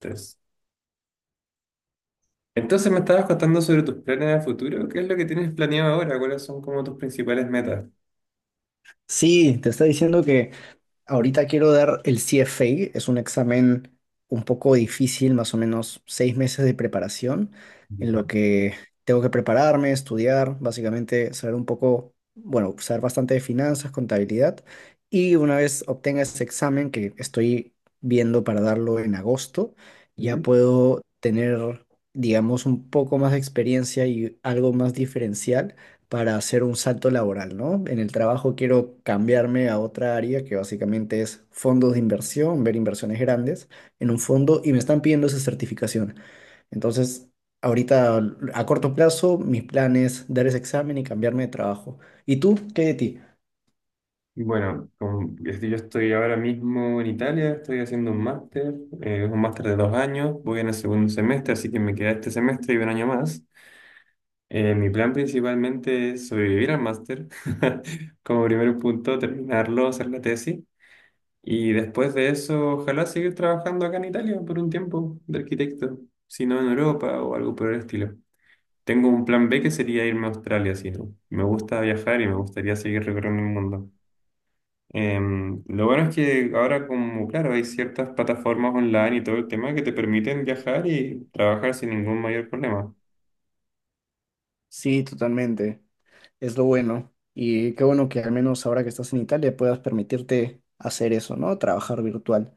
Entonces, entonces, me estabas contando sobre tus planes a futuro. ¿Qué es lo que tienes planeado ahora? ¿Cuáles son como tus principales metas? Sí, te está diciendo que ahorita quiero dar el CFA, es un examen un poco difícil, más o menos 6 meses de preparación, en lo Ya. que tengo que prepararme, estudiar, básicamente saber un poco, bueno, saber bastante de finanzas, contabilidad, y una vez obtenga ese examen que estoy viendo para darlo en agosto, ya Ujú. puedo tener, digamos, un poco más de experiencia y algo más diferencial para hacer un salto laboral, ¿no? En el trabajo quiero cambiarme a otra área que básicamente es fondos de inversión, ver inversiones grandes en un fondo y me están pidiendo esa certificación. Entonces, ahorita a corto plazo, mis planes dar ese examen y cambiarme de trabajo. ¿Y tú? ¿Qué hay de ti? Bueno, como- es que yo estoy ahora mismo en Italia, estoy haciendo un máster, es un máster de 2 años, voy en el segundo semestre, así que me queda este semestre y un año más. Mi plan principalmente es sobrevivir al máster, como primer punto, terminarlo, hacer la tesis, y después de eso, ojalá seguir trabajando acá en Italia por un tiempo de arquitecto, si no en Europa o algo por el estilo. Tengo un plan B que sería irme a Australia, sí. ¿No? Me gusta viajar y me gustaría seguir recorriendo el mundo. Lo bueno es que ahora como, claro, hay ciertas plataformas online y todo el tema que te permiten viajar y trabajar sin ningún mayor problema. Sí, totalmente. Es lo bueno. Y qué bueno que al menos ahora que estás en Italia puedas permitirte hacer eso, ¿no? Trabajar virtual.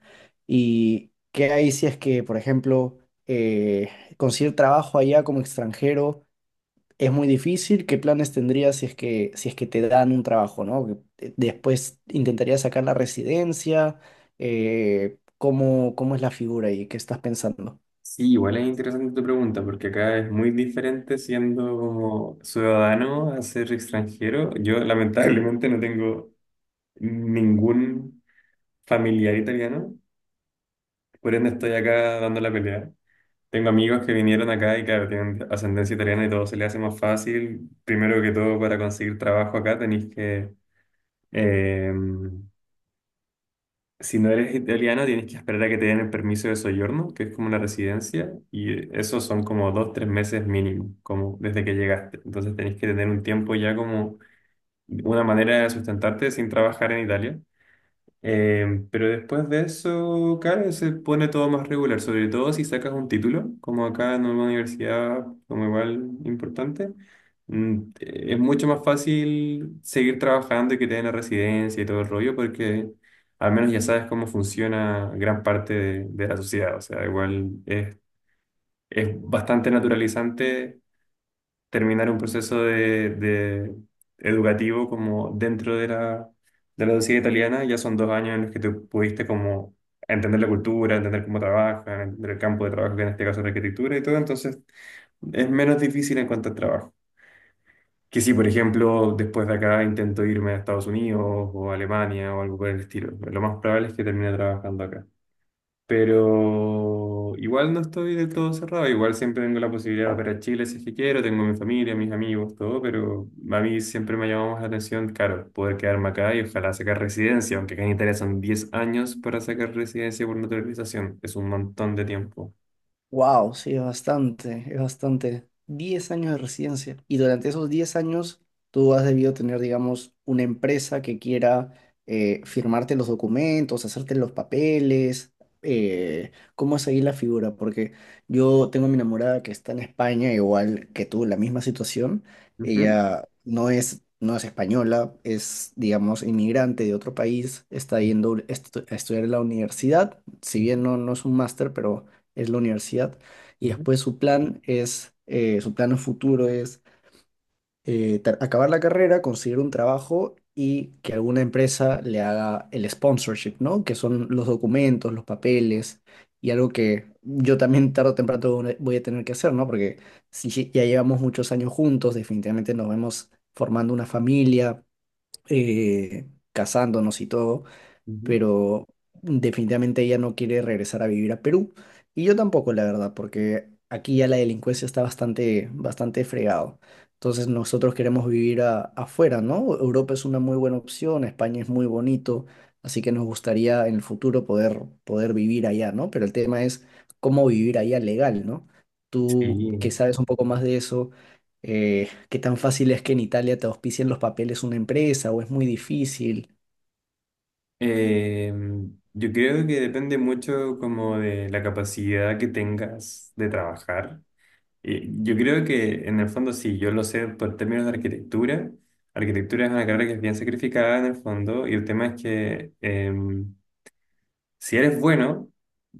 ¿Y qué hay si es que, por ejemplo, eh, conseguir trabajo allá como extranjero es muy difícil? ¿Qué planes tendrías si es que te dan un trabajo, ¿no? Después intentarías sacar la residencia. ¿Cómo es la figura y qué estás pensando? Sí, igual es interesante tu pregunta, porque acá es muy diferente siendo como ciudadano a ser extranjero. Yo lamentablemente no tengo ningún familiar italiano, por ende estoy acá dando la pelea. Tengo amigos que vinieron acá y claro, tienen ascendencia italiana y todo se les hace más fácil. Primero que todo, para conseguir trabajo acá tenés que, eh, si no eres italiano, tienes que esperar a que te den el permiso de soyorno, que es como una residencia, y eso son como dos, tres meses mínimo, como desde que llegaste. Entonces tenés que tener un tiempo ya como una manera de sustentarte sin trabajar en Italia. Pero después de eso, claro, se pone todo más regular, sobre todo si sacas un título, como acá en una universidad, como igual importante, es mucho más fácil seguir trabajando y que te den la residencia y todo el rollo, porque al menos ya sabes cómo funciona gran parte de la sociedad, o sea, igual es bastante naturalizante terminar un proceso de educativo como dentro de la sociedad italiana, ya son 2 años en los que tú pudiste como entender la cultura, entender cómo trabajan, entender el campo de trabajo, que en este caso es la arquitectura y todo, entonces es menos difícil en cuanto al trabajo. Que si, por ejemplo, después de acá intento irme a Estados Unidos o a Alemania o algo por el estilo, lo más probable es que termine trabajando acá. Pero igual no estoy del todo cerrado, igual siempre tengo la posibilidad de operar a Chile si es que quiero, tengo mi familia, mis amigos, todo, pero a mí siempre me ha llamado más la atención, claro, poder quedarme acá y ojalá sacar residencia, aunque acá en Italia son 10 años para sacar residencia por naturalización, es un montón de tiempo. Wow, sí, es bastante, es bastante. 10 años de residencia. Y durante esos 10 años, tú has debido tener, digamos, una empresa que quiera firmarte los documentos, hacerte los papeles. ¿Cómo es ahí la figura? Porque yo tengo a mi enamorada que está en España, igual que tú, la misma situación. Ujú, Ella no es española, es, digamos, inmigrante de otro país, está yendo a estudiar en la universidad. Si ujú, bien no es un máster, pero es la universidad, y ujú, después su plan es, su plan a futuro es ter- acabar la carrera, conseguir un trabajo y que alguna empresa le haga el sponsorship, ¿no? Que son los documentos, los papeles y algo que yo también tarde o temprano voy a tener que hacer, ¿no? Porque si ya llevamos muchos años juntos, definitivamente nos vemos formando una familia, eh, casándonos y todo, ujú. pero definitivamente ella no quiere regresar a vivir a Perú. Y yo tampoco, la verdad, porque aquí ya la delincuencia está bastante, bastante fregado. Entonces nosotros queremos vivir afuera, ¿no? Europa es una muy buena opción, España es muy bonito, así que nos gustaría en el futuro poder, poder vivir allá, ¿no? Pero el tema es cómo vivir allá legal, ¿no? Tú que Sí. sabes un poco más de eso, ¿qué tan fácil es que en Italia te auspicien los papeles una empresa o es muy difícil? Eh, yo creo que depende mucho como de la capacidad que tengas de trabajar. Yo creo que en el fondo sí, yo lo sé por términos de arquitectura. Arquitectura es una carrera que es bien sacrificada en el fondo y el tema es que si eres bueno,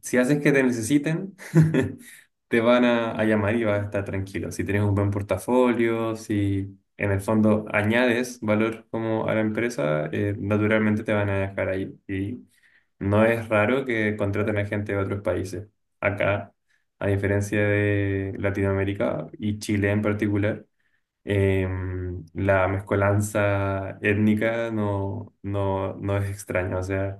si haces que te necesiten, te van a llamar y vas a estar tranquilo. Si tienes un buen portafolio, si en el fondo añades valor como a la empresa, naturalmente te van a dejar ahí. Y no es raro que contraten a gente de otros países. Acá, a diferencia de Latinoamérica y Chile en particular, la mezcolanza étnica no es extraña. O sea,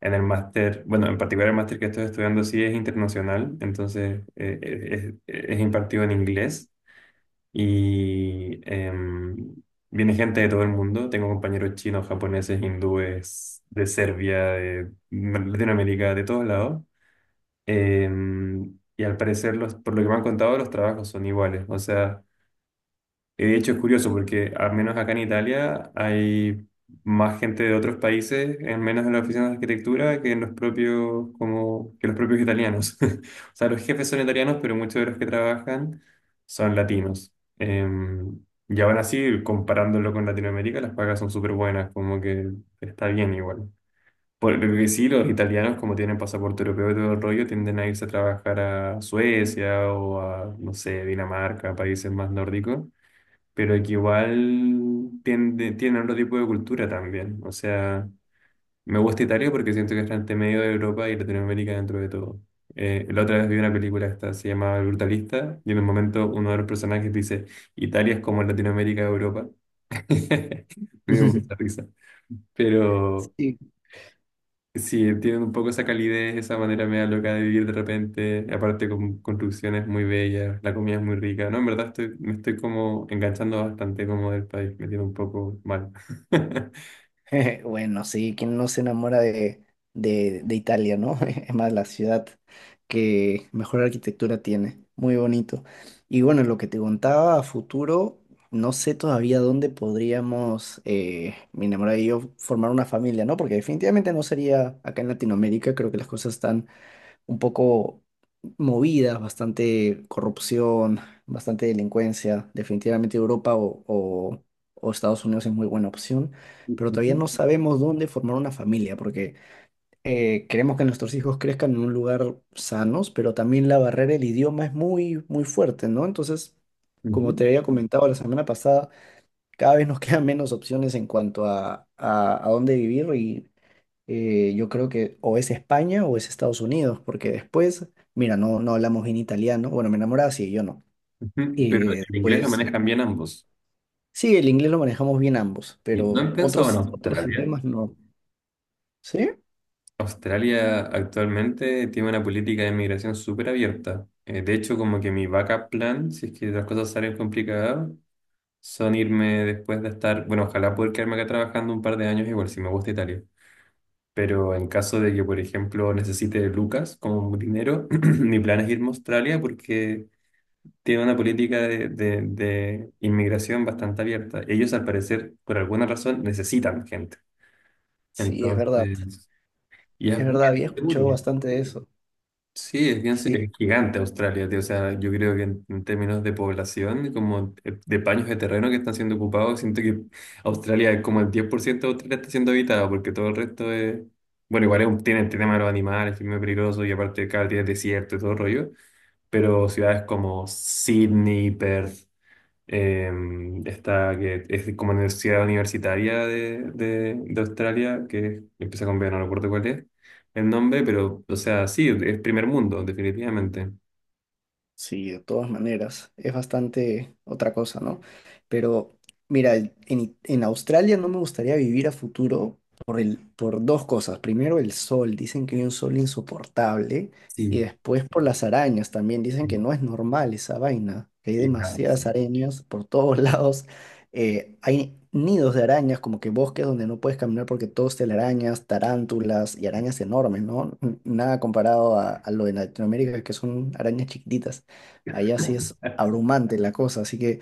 en el máster, bueno, en particular el máster que estoy estudiando sí es internacional, entonces es impartido en inglés y viene gente de todo el mundo. Tengo compañeros chinos, japoneses, hindúes, de Serbia, de Latinoamérica, de todos lados. Y al parecer, los, por lo que me han contado, los trabajos son iguales. O sea, y de hecho es curioso porque al menos acá en Italia hay más gente de otros países, en menos en la oficinas de arquitectura, que en los propios, como, que los propios italianos. O sea, los jefes son italianos, pero muchos de los que trabajan son latinos. Y aún así, comparándolo con Latinoamérica, las pagas son súper buenas, como que está bien igual. Porque sí, los italianos, como tienen pasaporte europeo y todo el rollo, tienden a irse a trabajar a Suecia o a, no sé, Dinamarca, países más nórdicos pero que igual tiende, tiene otro tipo de cultura también. O sea, me gusta Italia porque siento que está entre medio de Europa y Latinoamérica dentro de todo. La otra vez vi una película esta, se llama El Brutalista, y en un momento uno de los personajes dice, Italia es como Latinoamérica de Europa. Me dio mucha risa. Pero Sí. sí, tienen un poco esa calidez, esa manera media loca de vivir de repente, y aparte con construcciones muy bellas, la comida es muy rica, ¿no? En verdad estoy, me estoy como enganchando bastante como del país, me tiene un poco mal. Bueno, sí, ¿quién no se enamora de Italia, ¿no? Es más, la ciudad que mejor arquitectura tiene, muy bonito. Y bueno, lo que te contaba a futuro, no sé todavía dónde podríamos, mi enamorada y yo, formar una familia, ¿no? Porque definitivamente no sería acá en Latinoamérica, creo que las cosas están un poco movidas, bastante corrupción, bastante delincuencia. Definitivamente Europa o Estados Unidos es muy buena opción, pero Ujú, todavía no sabemos dónde formar una familia, porque queremos que nuestros hijos crezcan en un lugar sanos, pero también la barrera del idioma es muy, muy fuerte, ¿no? Entonces, como ujú, te había comentado la semana pasada, cada vez nos quedan menos opciones en cuanto a dónde vivir. Yo creo que o es España o es Estados Unidos, porque después, mira, no hablamos bien italiano, bueno, mi enamorada sí, yo no. ujú. Y Pero el inglés lo después, manejan bien ambos. sí, el inglés lo manejamos bien ambos, Y ¿no pero han pensado en otros Australia? idiomas no. ¿Sí? Australia actualmente tiene una política de inmigración súper abierta. De hecho, como que mi backup plan, si es que las cosas salen complicadas, son irme después de estar, bueno, ojalá poder quedarme acá trabajando un par de años igual, si me gusta Italia. Pero en caso de que, por ejemplo, necesite lucas como dinero, mi plan es irme a Australia porque tiene una política de inmigración bastante abierta. Ellos, al parecer, por alguna razón, necesitan gente. Sí, Entonces, y es es bien verdad, había escuchado seguro. bastante de eso. Sí, es bien, es Sí. gigante Australia, tío. O sea, yo creo que en términos de población, como de paños de terreno que están siendo ocupados, siento que Australia, como el 10% de Australia está siendo habitado, porque todo el resto es. Bueno, igual es un- tiene el tema de los animales, que es muy peligroso, y aparte cada día es desierto y todo el rollo. Pero ciudades como Sydney, Perth. Esta que es como universidad universitaria de Australia, que empieza con B, no recuerdo cuál es el nombre, pero, o sea, sí, es primer mundo, definitivamente. Sí, de todas maneras, es bastante otra cosa, ¿no? Pero mira, en Australia no me gustaría vivir a futuro por 2 cosas. Primero, el sol, dicen que hay un sol insoportable, y Sí. después por las arañas también, dicen Sí, que no es normal esa vaina, que hay y claro, demasiadas sí. arañas por todos lados. Hay nidos de arañas, como que bosques donde no puedes caminar porque todos te arañas, tarántulas y arañas enormes, ¿no? Nada comparado a lo de Latinoamérica, que son arañas chiquititas. Allá sí es abrumante la cosa, así que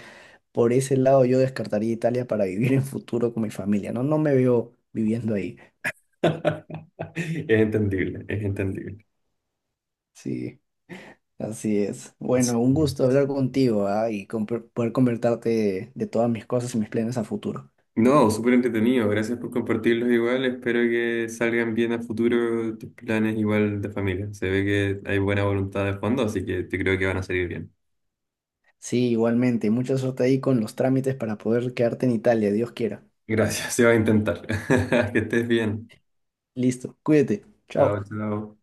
por ese lado yo descartaría Italia para vivir en futuro con mi familia, ¿no? No me veo viviendo ahí. Es entendible, es entendible. Sí, así es. Sí. Bueno, un gusto hablar contigo, ¿ah? Y poder convertarte de todas mis cosas y mis planes a futuro. No, súper entretenido. Gracias por compartirlos igual. Espero que salgan bien a futuro tus planes igual de familia. Se ve que hay buena voluntad de fondo, así que te creo que van a salir bien. Sí, igualmente. Mucha suerte ahí con los trámites para poder quedarte en Italia, Dios quiera. Gracias, se va a intentar. Que estés bien. Listo, cuídate. Chao, Chao. chao.